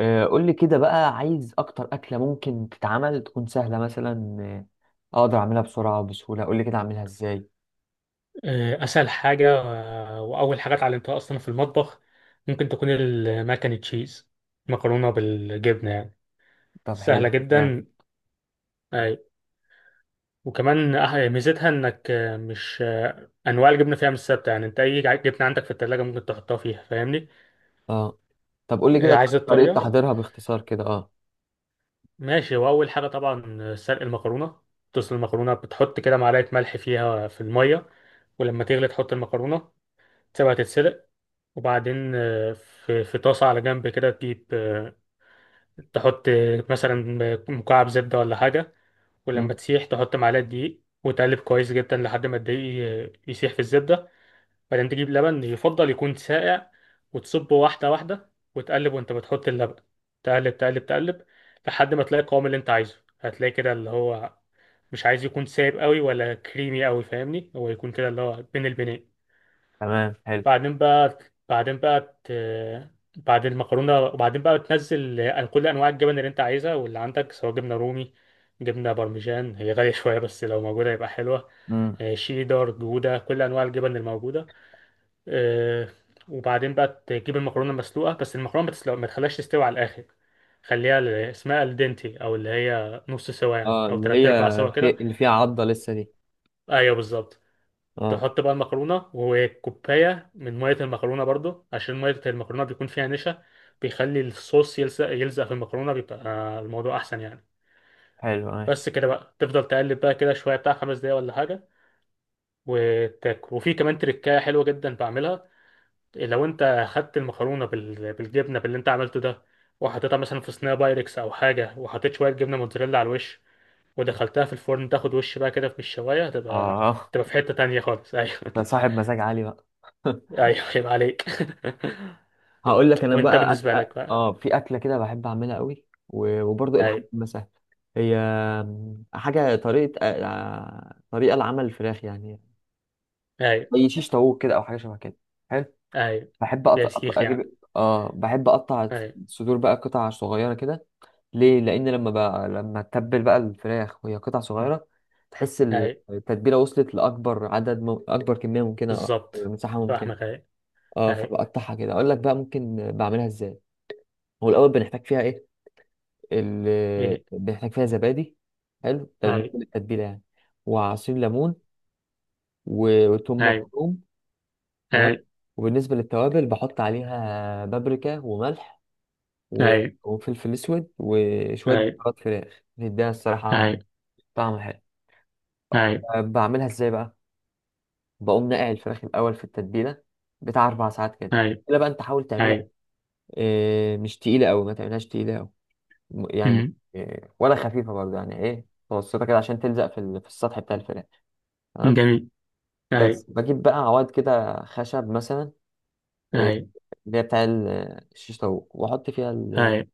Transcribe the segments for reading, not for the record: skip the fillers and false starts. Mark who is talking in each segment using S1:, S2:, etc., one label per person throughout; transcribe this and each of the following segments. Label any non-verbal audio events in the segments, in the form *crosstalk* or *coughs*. S1: قول لي كده بقى عايز اكتر اكله ممكن تتعمل تكون سهله مثلا. اقدر اعملها بسرعه وبسهوله قول لي كده اعملها ازاي؟
S2: اسهل حاجه، واول حاجه اتعلمتها اصلا في المطبخ. ممكن تكون الماكن تشيز، مكرونه بالجبنه يعني.
S1: طب
S2: سهله
S1: حلو يعني.
S2: جدا. اي. وكمان ميزتها انك آه، مش آه، انواع الجبنه فيها مش ثابته، يعني انت اي جبنه عندك في التلاجة ممكن تحطها فيها، فاهمني؟
S1: اه، طب قول لي كده
S2: عايز
S1: طريقه
S2: الطريقه؟
S1: تحضيرها باختصار كده اه.
S2: ماشي. واول حاجه طبعا سلق المكرونه. تسلق المكرونه، بتحط كده معلقه ملح فيها في الميه. ولما تغلي تحط المكرونه، تسيبها تتسلق. وبعدين في طاسه على جنب كده تجيب، تحط مثلا مكعب زبدة ولا حاجة. ولما
S1: مم.
S2: تسيح تحط معلقة دقيق وتقلب كويس جدا لحد ما الدقيق يسيح في الزبدة. بعدين تجيب لبن، يفضل يكون ساقع. وتصبه واحدة واحدة وتقلب وانت بتحط اللبن. تقلب، تقلب، تقلب، لحد ما تلاقي القوام اللي انت عايزه. هتلاقي كده اللي هو مش عايز يكون سايب قوي ولا كريمي قوي، فاهمني؟ هو يكون كده اللي هو بين البنين.
S1: تمام حلو.
S2: بعدين بقى بعدين بقى ت... بعد المكرونة، وبعدين بقى تنزل كل أنواع الجبن اللي أنت عايزها واللي عندك، سواء جبنة رومي، جبنة بارميجان - هي غالية شوية بس لو موجودة يبقى حلوة.
S1: امم،
S2: شيدر، جودة، كل أنواع الجبن الموجودة. آه، وبعدين بقى تجيب المكرونة مسلوقة، بس المكرونة ما تخليهاش تستوي على الآخر. خليها اسمها الدنتي، أو اللي هي نص سوا يعني
S1: اه
S2: أو
S1: اللي
S2: تلات
S1: هي
S2: أرباع سوا
S1: في...
S2: كده.
S1: اللي فيها عضه لسه دي.
S2: أيوه، بالظبط.
S1: اه
S2: تحط بقى المكرونة وكوباية من مية المكرونة برضو، عشان مية المكرونة بيكون فيها نشا. بيخلي الصوص يلزق يلزق في المكرونة، بيبقى الموضوع أحسن يعني.
S1: حلو ماشي
S2: بس كده بقى تفضل تقلب بقى كده شوية، بتاع 5 دقايق ولا حاجة. وتاكل. وفي كمان تركاية حلوة جدا بعملها. لو أنت خدت المكرونة بالجبنة باللي أنت عملته ده، وحطيتها مثلا في صينية بايركس أو حاجة، وحطيت شوية جبنة موتزاريلا على الوش، ودخلتها في الفرن تاخد وش بقى كده في الشواية. هتبقى
S1: اه.
S2: تبقى في حتة تانية خالص. *laughs* أيوه.
S1: *laughs* ده صاحب مزاج عالي بقى. *laughs*
S2: ايوه، يبقى عليك.
S1: هقول لك
S2: *laughs*
S1: انا
S2: وانت
S1: بقى
S2: بالنسبه لك بقى؟
S1: اه في اكله كده بحب اعملها قوي وبرضه الحاج
S2: ايوه.
S1: مسهل. هي حاجه طريقه، طريقه لعمل الفراخ يعني.
S2: ايوه.
S1: زي شيش طاووق كده او حاجه شبه كده. حلو.
S2: ايوه.
S1: بحب
S2: يا شيخ
S1: اجيب
S2: يعني.
S1: اه بحب اقطع
S2: ايوه.
S1: الصدور بقى قطع صغيره كده. ليه؟ لان لما تتبل بقى الفراخ وهي قطع صغيره تحس
S2: ايوه.
S1: التتبيله وصلت لاكبر اكبر كميه ممكنه، أكبر
S2: بالظبط.
S1: مساحه ممكنه.
S2: فاهمك، ايوه.
S1: اه
S2: ايوه.
S1: فبقطعها كده اقول لك بقى ممكن بعملها ازاي. هو الاول بنحتاج فيها ايه اللي
S2: ايه.
S1: بنحتاج فيها؟ زبادي. حلو ده
S2: ايوه.
S1: بالنسبة للتتبيلة يعني. وعصير ليمون وتوم
S2: ايوه.
S1: مفروم. تمام. وبالنسبة للتوابل بحط عليها بابريكا وملح و-
S2: ايوه.
S1: وفلفل أسود وشوية
S2: ايوه.
S1: بهارات فراخ بتديها الصراحة
S2: ايوه.
S1: طعم حلو.
S2: ايوه. ايوه.
S1: بعملها ازاي بقى؟ بقوم نقع الفراخ الأول في التتبيلة بتاع أربع ساعات كده.
S2: ايوه.
S1: التتبيلة بقى أنت حاول تعملها
S2: ايوه.
S1: إيه، مش تقيلة أوي، ما تعملهاش تقيلة أوي. يعني
S2: أمم،
S1: إيه، ولا خفيفة برضه، يعني إيه متوسطة كده عشان تلزق في السطح بتاع الفراخ. تمام.
S2: جميل.
S1: بس
S2: ايوه.
S1: بجيب بقى عواد كده خشب مثلا، إيه،
S2: ايوه.
S1: اللي هي الشيش طاووق واحط فيها ال...
S2: ايوه،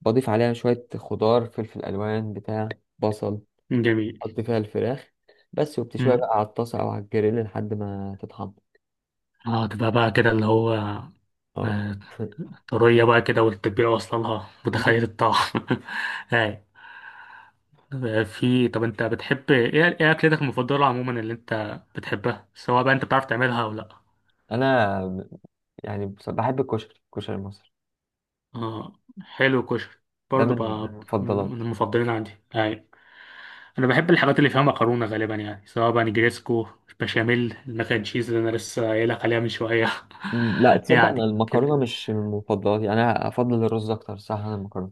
S1: بضيف عليها شويه خضار، فلفل الوان بتاع، بصل،
S2: جميل.
S1: احط فيها الفراخ بس، وبتشويها
S2: أمم.
S1: بقى على الطاسه او على الجريل لحد ما تتحمر.
S2: اه، تبقى بقى كده اللي هو
S1: اه.
S2: آه،
S1: *laughs*
S2: طرية بقى كده، والتتبيلة واصلة لها،
S1: جي.
S2: متخيل الطعم. *laughs* ايوه. آه، في طب انت بتحب ايه؟ ايه اكلتك المفضله عموما اللي انت بتحبها، سواء بقى انت بتعرف تعملها او لا؟
S1: انا يعني بحب الكشري، الكشري المصري.
S2: اه، حلو، كشري.
S1: ده
S2: برضه
S1: من ده من
S2: بقى من
S1: مفضلاتي.
S2: المفضلين عندي يعني. انا بحب الحاجات اللي فيها مكرونه غالبا يعني، سواء بقى نجريسكو، بشاميل، الماك اند تشيز اللي انا لسه قايلك عليها من شويه.
S1: لا
S2: *laughs*
S1: تصدق انا
S2: يعني
S1: المكرونه
S2: كده.
S1: مش من مفضلاتي، انا افضل الرز اكتر. صح انا المكرونه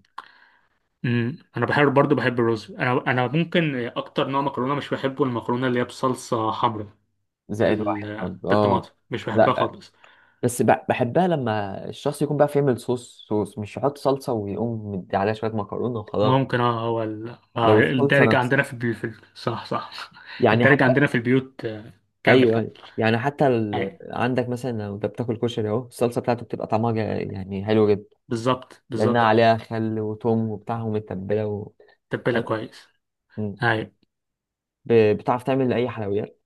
S2: انا بحب برضه الرز. انا ممكن اكتر نوع مكرونه مش بحبه المكرونه اللي هي بصلصه حمراء،
S1: زائد واحد برضه اه.
S2: بالطماطم، مش بحبها
S1: لا
S2: خالص.
S1: بس بحبها لما الشخص يكون بقى يعمل صوص، مش يحط صلصة ويقوم مدي عليها شوية مكرونة وخلاص.
S2: ممكن. اه هو ال... آه
S1: لو الصلصة
S2: الدارج
S1: نفسها
S2: عندنا في البيوت صح، صح. *laughs*
S1: يعني
S2: الدارج
S1: حتى،
S2: عندنا في البيوت. كمل،
S1: أيوه
S2: كمل.
S1: أيوه يعني حتى
S2: اي،
S1: ال... عندك مثلا لو أنت بتاكل كشري أهو الصلصة بتاعته بتبقى طعمها يعني حلو جدا.
S2: بالظبط،
S1: لأنها
S2: بالظبط.
S1: عليها خل وتوم وبتاع ومتبلة و...
S2: تبلها كويس.
S1: م.
S2: اي.
S1: بتعرف تعمل أي حلويات؟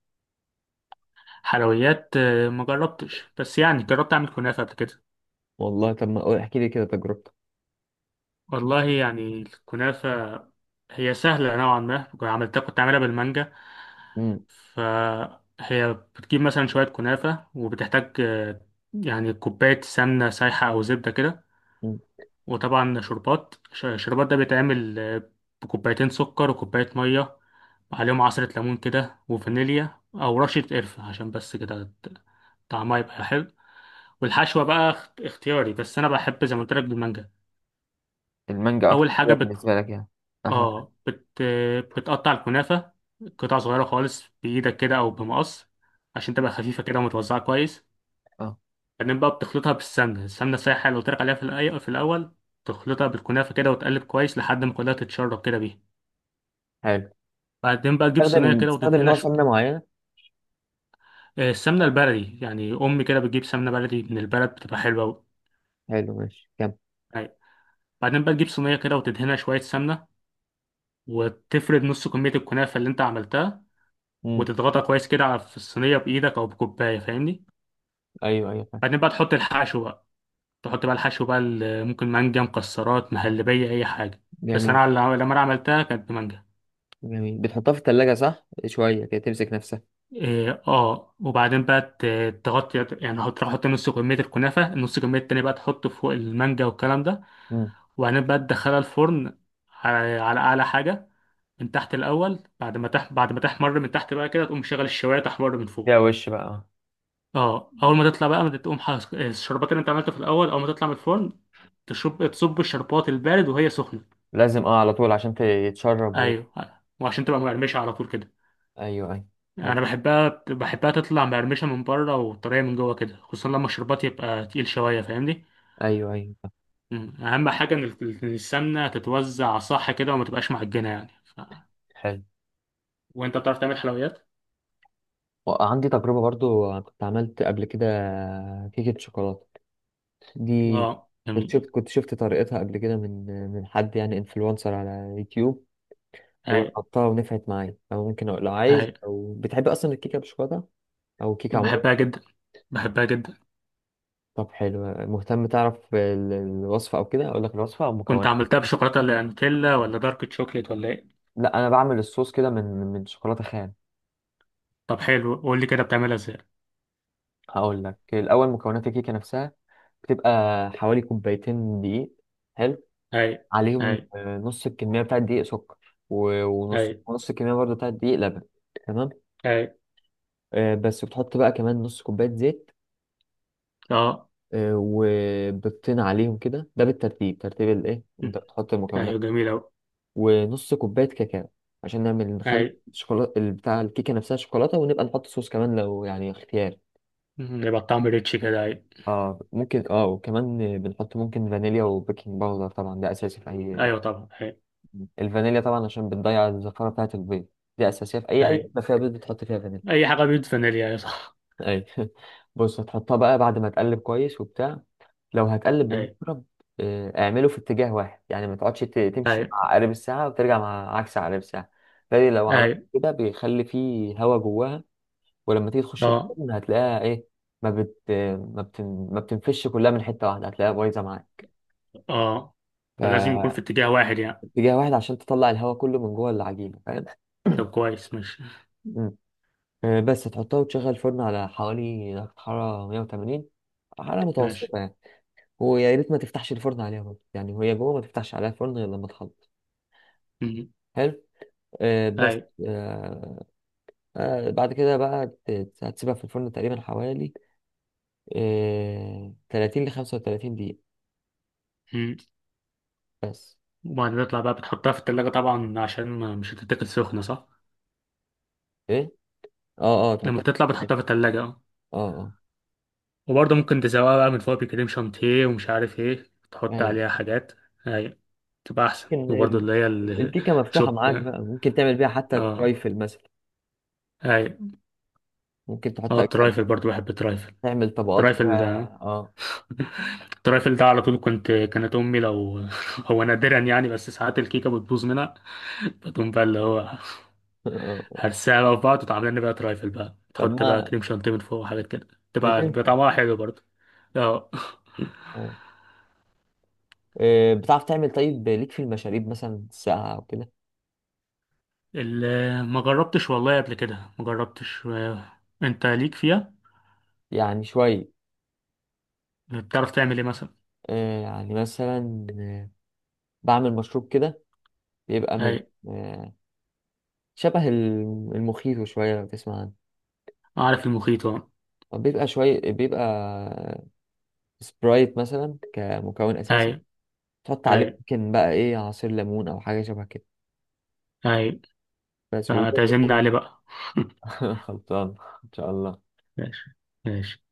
S2: حلويات؟ ما جربتش، بس يعني جربت اعمل كنافه قبل كده.
S1: والله طب ما قول- احكي لي كده تجربتك.
S2: والله يعني الكنافه هي سهله نوعا ما. كنت عملتها، كنت عاملها بالمانجا.
S1: م.
S2: فهي بتجيب مثلا شويه كنافه، وبتحتاج يعني كوبايه سمنه سايحه او زبده كده.
S1: م.
S2: وطبعا شربات، شربات ده بيتعمل بكوبايتين سكر وكوباية مية، عليهم عصرة ليمون كده وفانيليا أو رشة قرفة، عشان بس كده طعمها يبقى حلو. والحشوة بقى اختياري، بس أنا بحب زي ما قلت لك بالمانجا.
S1: المانجا أكتر
S2: أول حاجة
S1: حاجة
S2: بت...
S1: بالنسبة لك يعني، أحلى حاجة.
S2: آه بت... آه، بتقطع الكنافة قطع صغيرة خالص بإيدك كده أو بمقص، عشان تبقى خفيفة كده ومتوزعة كويس.
S1: أه
S2: بعدين بقى بتخلطها بالسمنة، السمنة السايحة اللي قلت لك عليها في الأول. تخلطها بالكنافة كده وتقلب كويس لحد ما كلها تتشرب كده بيها.
S1: حلو.
S2: بعدين بقى تجيب صينية كده
S1: بتستخدم
S2: وتدهنها
S1: نوع سمنة معينة؟
S2: السمنة البلدي يعني، أمي كده بتجيب سمنة بلدي من البلد، بتبقى حلوة أوي.
S1: حلو ماشي كمل.
S2: أيوة. بعدين بقى تجيب صينية كده وتدهنها شوية سمنة، وتفرد نص كمية الكنافة اللي أنت عملتها، وتضغطها كويس كده في الصينية بإيدك أو بكوباية، فاهمني؟
S1: ايوه ايوه فاهم.
S2: بعدين بقى تحط الحشو بقى. تحط بقى الحشو بقى ال- ممكن مانجا، مكسرات، مهلبية، أي حاجة. بس أنا
S1: جميل.
S2: لما أنا عملتها كانت بمانجا.
S1: جميل بتحطها في التلاجة صح شوية كده تمسك نفسها.
S2: إيه، اه. وبعدين بقى تغطي يعني، هتروح تحط نص كمية الكنافة، النص كمية التانية بقى تحطه فوق المانجا والكلام ده.
S1: مم.
S2: وبعدين بقى تدخلها الفرن على أعلى حاجة، من تحت الأول. بعد ما بعد ما تحمر من تحت بقى كده تقوم شغل الشواية تحمر من
S1: ده
S2: فوق.
S1: وش بقى.
S2: اه. أول ما تطلع بقى ما تقوم حس... الشربات اللي أنت عملته في الأول، أول ما تطلع من الفرن تصب الشربات البارد وهي سخنة.
S1: لازم اه على طول عشان تتشرب ويت.
S2: أيوه. وعشان تبقى مقرمشة على طول كده.
S1: ايوه ايوه حلو.
S2: انا بحبها تطلع مقرمشه من بره وطريه من جوه كده، خصوصا لما الشربات يبقى تقيل شويه، فاهمني؟
S1: ايوه ايوه فاهم.
S2: مم. اهم حاجه إن السمنه تتوزع صح كده وما تبقاش معجنه يعني
S1: حلو،
S2: وانت بتعرف تعمل حلويات؟
S1: وعندي تجربة برضو كنت عملت قبل كده كيكة شوكولاتة دي.
S2: اه، جميل.
S1: كنت شفت طريقتها قبل كده من حد يعني انفلونسر على يوتيوب.
S2: هاي.
S1: وجربتها ونفعت معايا، او ممكن لو عايز
S2: هاي.
S1: او بتحب اصلا الكيكة بالشوكولاتة او كيكة عموما.
S2: بحبها جدا، بحبها جدا.
S1: طب حلو. مهتم تعرف الوصفة أو كده أقول لك الوصفة أو
S2: كنت
S1: مكونات؟
S2: عملتها بشوكولاته، اللي نوتيلا ولا دارك تشوكليت ولا ايه؟
S1: لا أنا بعمل الصوص كده من شوكولاتة خام.
S2: طب حلو، قول لي كده بتعملها ازاي.
S1: هقول لك الأول مكونات الكيكة نفسها، بتبقى حوالي كوبايتين دقيق. حلو.
S2: هاي.
S1: عليهم
S2: هاي.
S1: نص الكمية بتاعة الدقيق سكر.
S2: هاي.
S1: ونص الكمية برضه بتاعة الدقيق لبن. تمام.
S2: هاي.
S1: بس بتحط بقى كمان نص كوباية زيت.
S2: اه.
S1: وبتطين عليهم كده، ده بالترتيب، ترتيب الإيه
S2: مم.
S1: أنت بتحط المكونات.
S2: ايوه، جميل اوي.
S1: ونص كوباية كاكاو عشان نعمل نخلي
S2: هاي.
S1: الشوكولاتة بتاع الكيكة نفسها شوكولاتة، ونبقى نحط صوص كمان لو يعني اختيار.
S2: مم. يبقى الطعم ريتش كده. هاي.
S1: اه ممكن اه. وكمان بنحط ممكن فانيليا وبيكنج باودر، طبعا ده اساسي في اي.
S2: ايوه طبعا. هاي.
S1: الفانيليا طبعا عشان بتضيع الزفارة بتاعة البيض، دي اساسية في اي
S2: اي.
S1: اي ما فيها بيض بتحط فيها فانيليا.
S2: اي حاجه بيدفن ليها، صح.
S1: اي. *laughs* بص هتحطها بقى بعد ما تقلب كويس وبتاع. لو هتقلب
S2: اي.
S1: بالمضرب، اعمله في اتجاه واحد يعني ما تقعدش تمشي
S2: اي.
S1: مع عقارب الساعة وترجع مع عكس عقارب الساعة. فدي لو
S2: اي.
S1: عملت كده بيخلي فيه هوا جواها. ولما تيجي تخش
S2: اه.
S1: الفرن هتلاقيها ايه، ما بت ما بتنفش كلها من حتة واحدة، هتلاقيها بايظة معاك.
S2: اه. فلازم يكون في
S1: فاتجاه
S2: اتجاه واحد يعني.
S1: واحد عشان تطلع الهوا كله من جوه العجينة، فاهم؟ *coughs*
S2: طب كويس، ماشي.
S1: مم. بس تحطها وتشغل الفرن على حوالي درجة حرارة 180، حرارة
S2: ماشي.
S1: متوسطة يعني. ويا ريت ما تفتحش الفرن عليها برضه يعني وهي جوه، ما تفتحش عليها الفرن غير لما تخلص.
S2: مم.
S1: حلو. آه بس،
S2: اي.
S1: آه آه بعد كده بقى هتسيبها في الفرن تقريبا حوالي 30 ل 35 دقيقة
S2: مم.
S1: بس.
S2: وبعدين تطلع بقى بتحطها في التلاجة طبعا، عشان ما مش هتتاكل سخنة، صح؟
S1: ايه اه اه
S2: لما
S1: تحطها
S2: بتطلع
S1: في الفرن.
S2: بتحطها في التلاجة، اه.
S1: اه اه.
S2: وبرضه ممكن تسويها بقى من فوق بكريم شانتيه ومش عارف ايه، تحط
S1: ايوه
S2: عليها حاجات. اي. تبقى احسن.
S1: ممكن
S2: وبرضه اللي هي
S1: الكيكة مفتوحة
S2: الشوب.
S1: معاك بقى ممكن تعمل بيها حتى
S2: اه.
S1: ترايفل مثلا.
S2: اي.
S1: ممكن تحط
S2: اه.
S1: أجزاء،
S2: الترايفل برضه، بحب الترايفل.
S1: تعمل طبقات كده
S2: الترايفل.
S1: اه.
S2: التريفل ده على طول. كانت امي لو *laughs* هو نادرا يعني، بس ساعات الكيكه بتبوظ منها، فتقوم بقى اللي هو
S1: *laughs*
S2: هرسها بقى في بعض وتعمل لنا بقى تريفل بقى،
S1: طب
S2: تحط بقى
S1: ما
S2: كريم شانتيه من فوق وحاجات كده، بيبقى
S1: بتنفع.
S2: طعمها حلو برضه. اه.
S1: آه. بتعرف تعمل طيب ليك في المشاريب مثلا ساقعة أو كده؟
S2: ما جربتش والله قبل كده، ما جربتش. انت ليك فيها؟
S1: يعني شوية.
S2: بتعرف تعمل ايه مثلا؟
S1: يعني مثلا، بعمل مشروب كده بيبقى من،
S2: اي،
S1: آه، شبه المخيط شوية لو تسمع عنه.
S2: اعرف المخيط، اه.
S1: هو بيبقى شوية، بيبقى سبرايت مثلا كمكون
S2: اي.
S1: أساسي، تحط
S2: اي.
S1: عليه ممكن بقى إيه عصير ليمون أو حاجة شبه كده
S2: اي.
S1: بس و...
S2: فتعزمنا عليه بقى.
S1: *laughs* خلطان إن شاء الله.
S2: *laughs* ماشي. ماشي.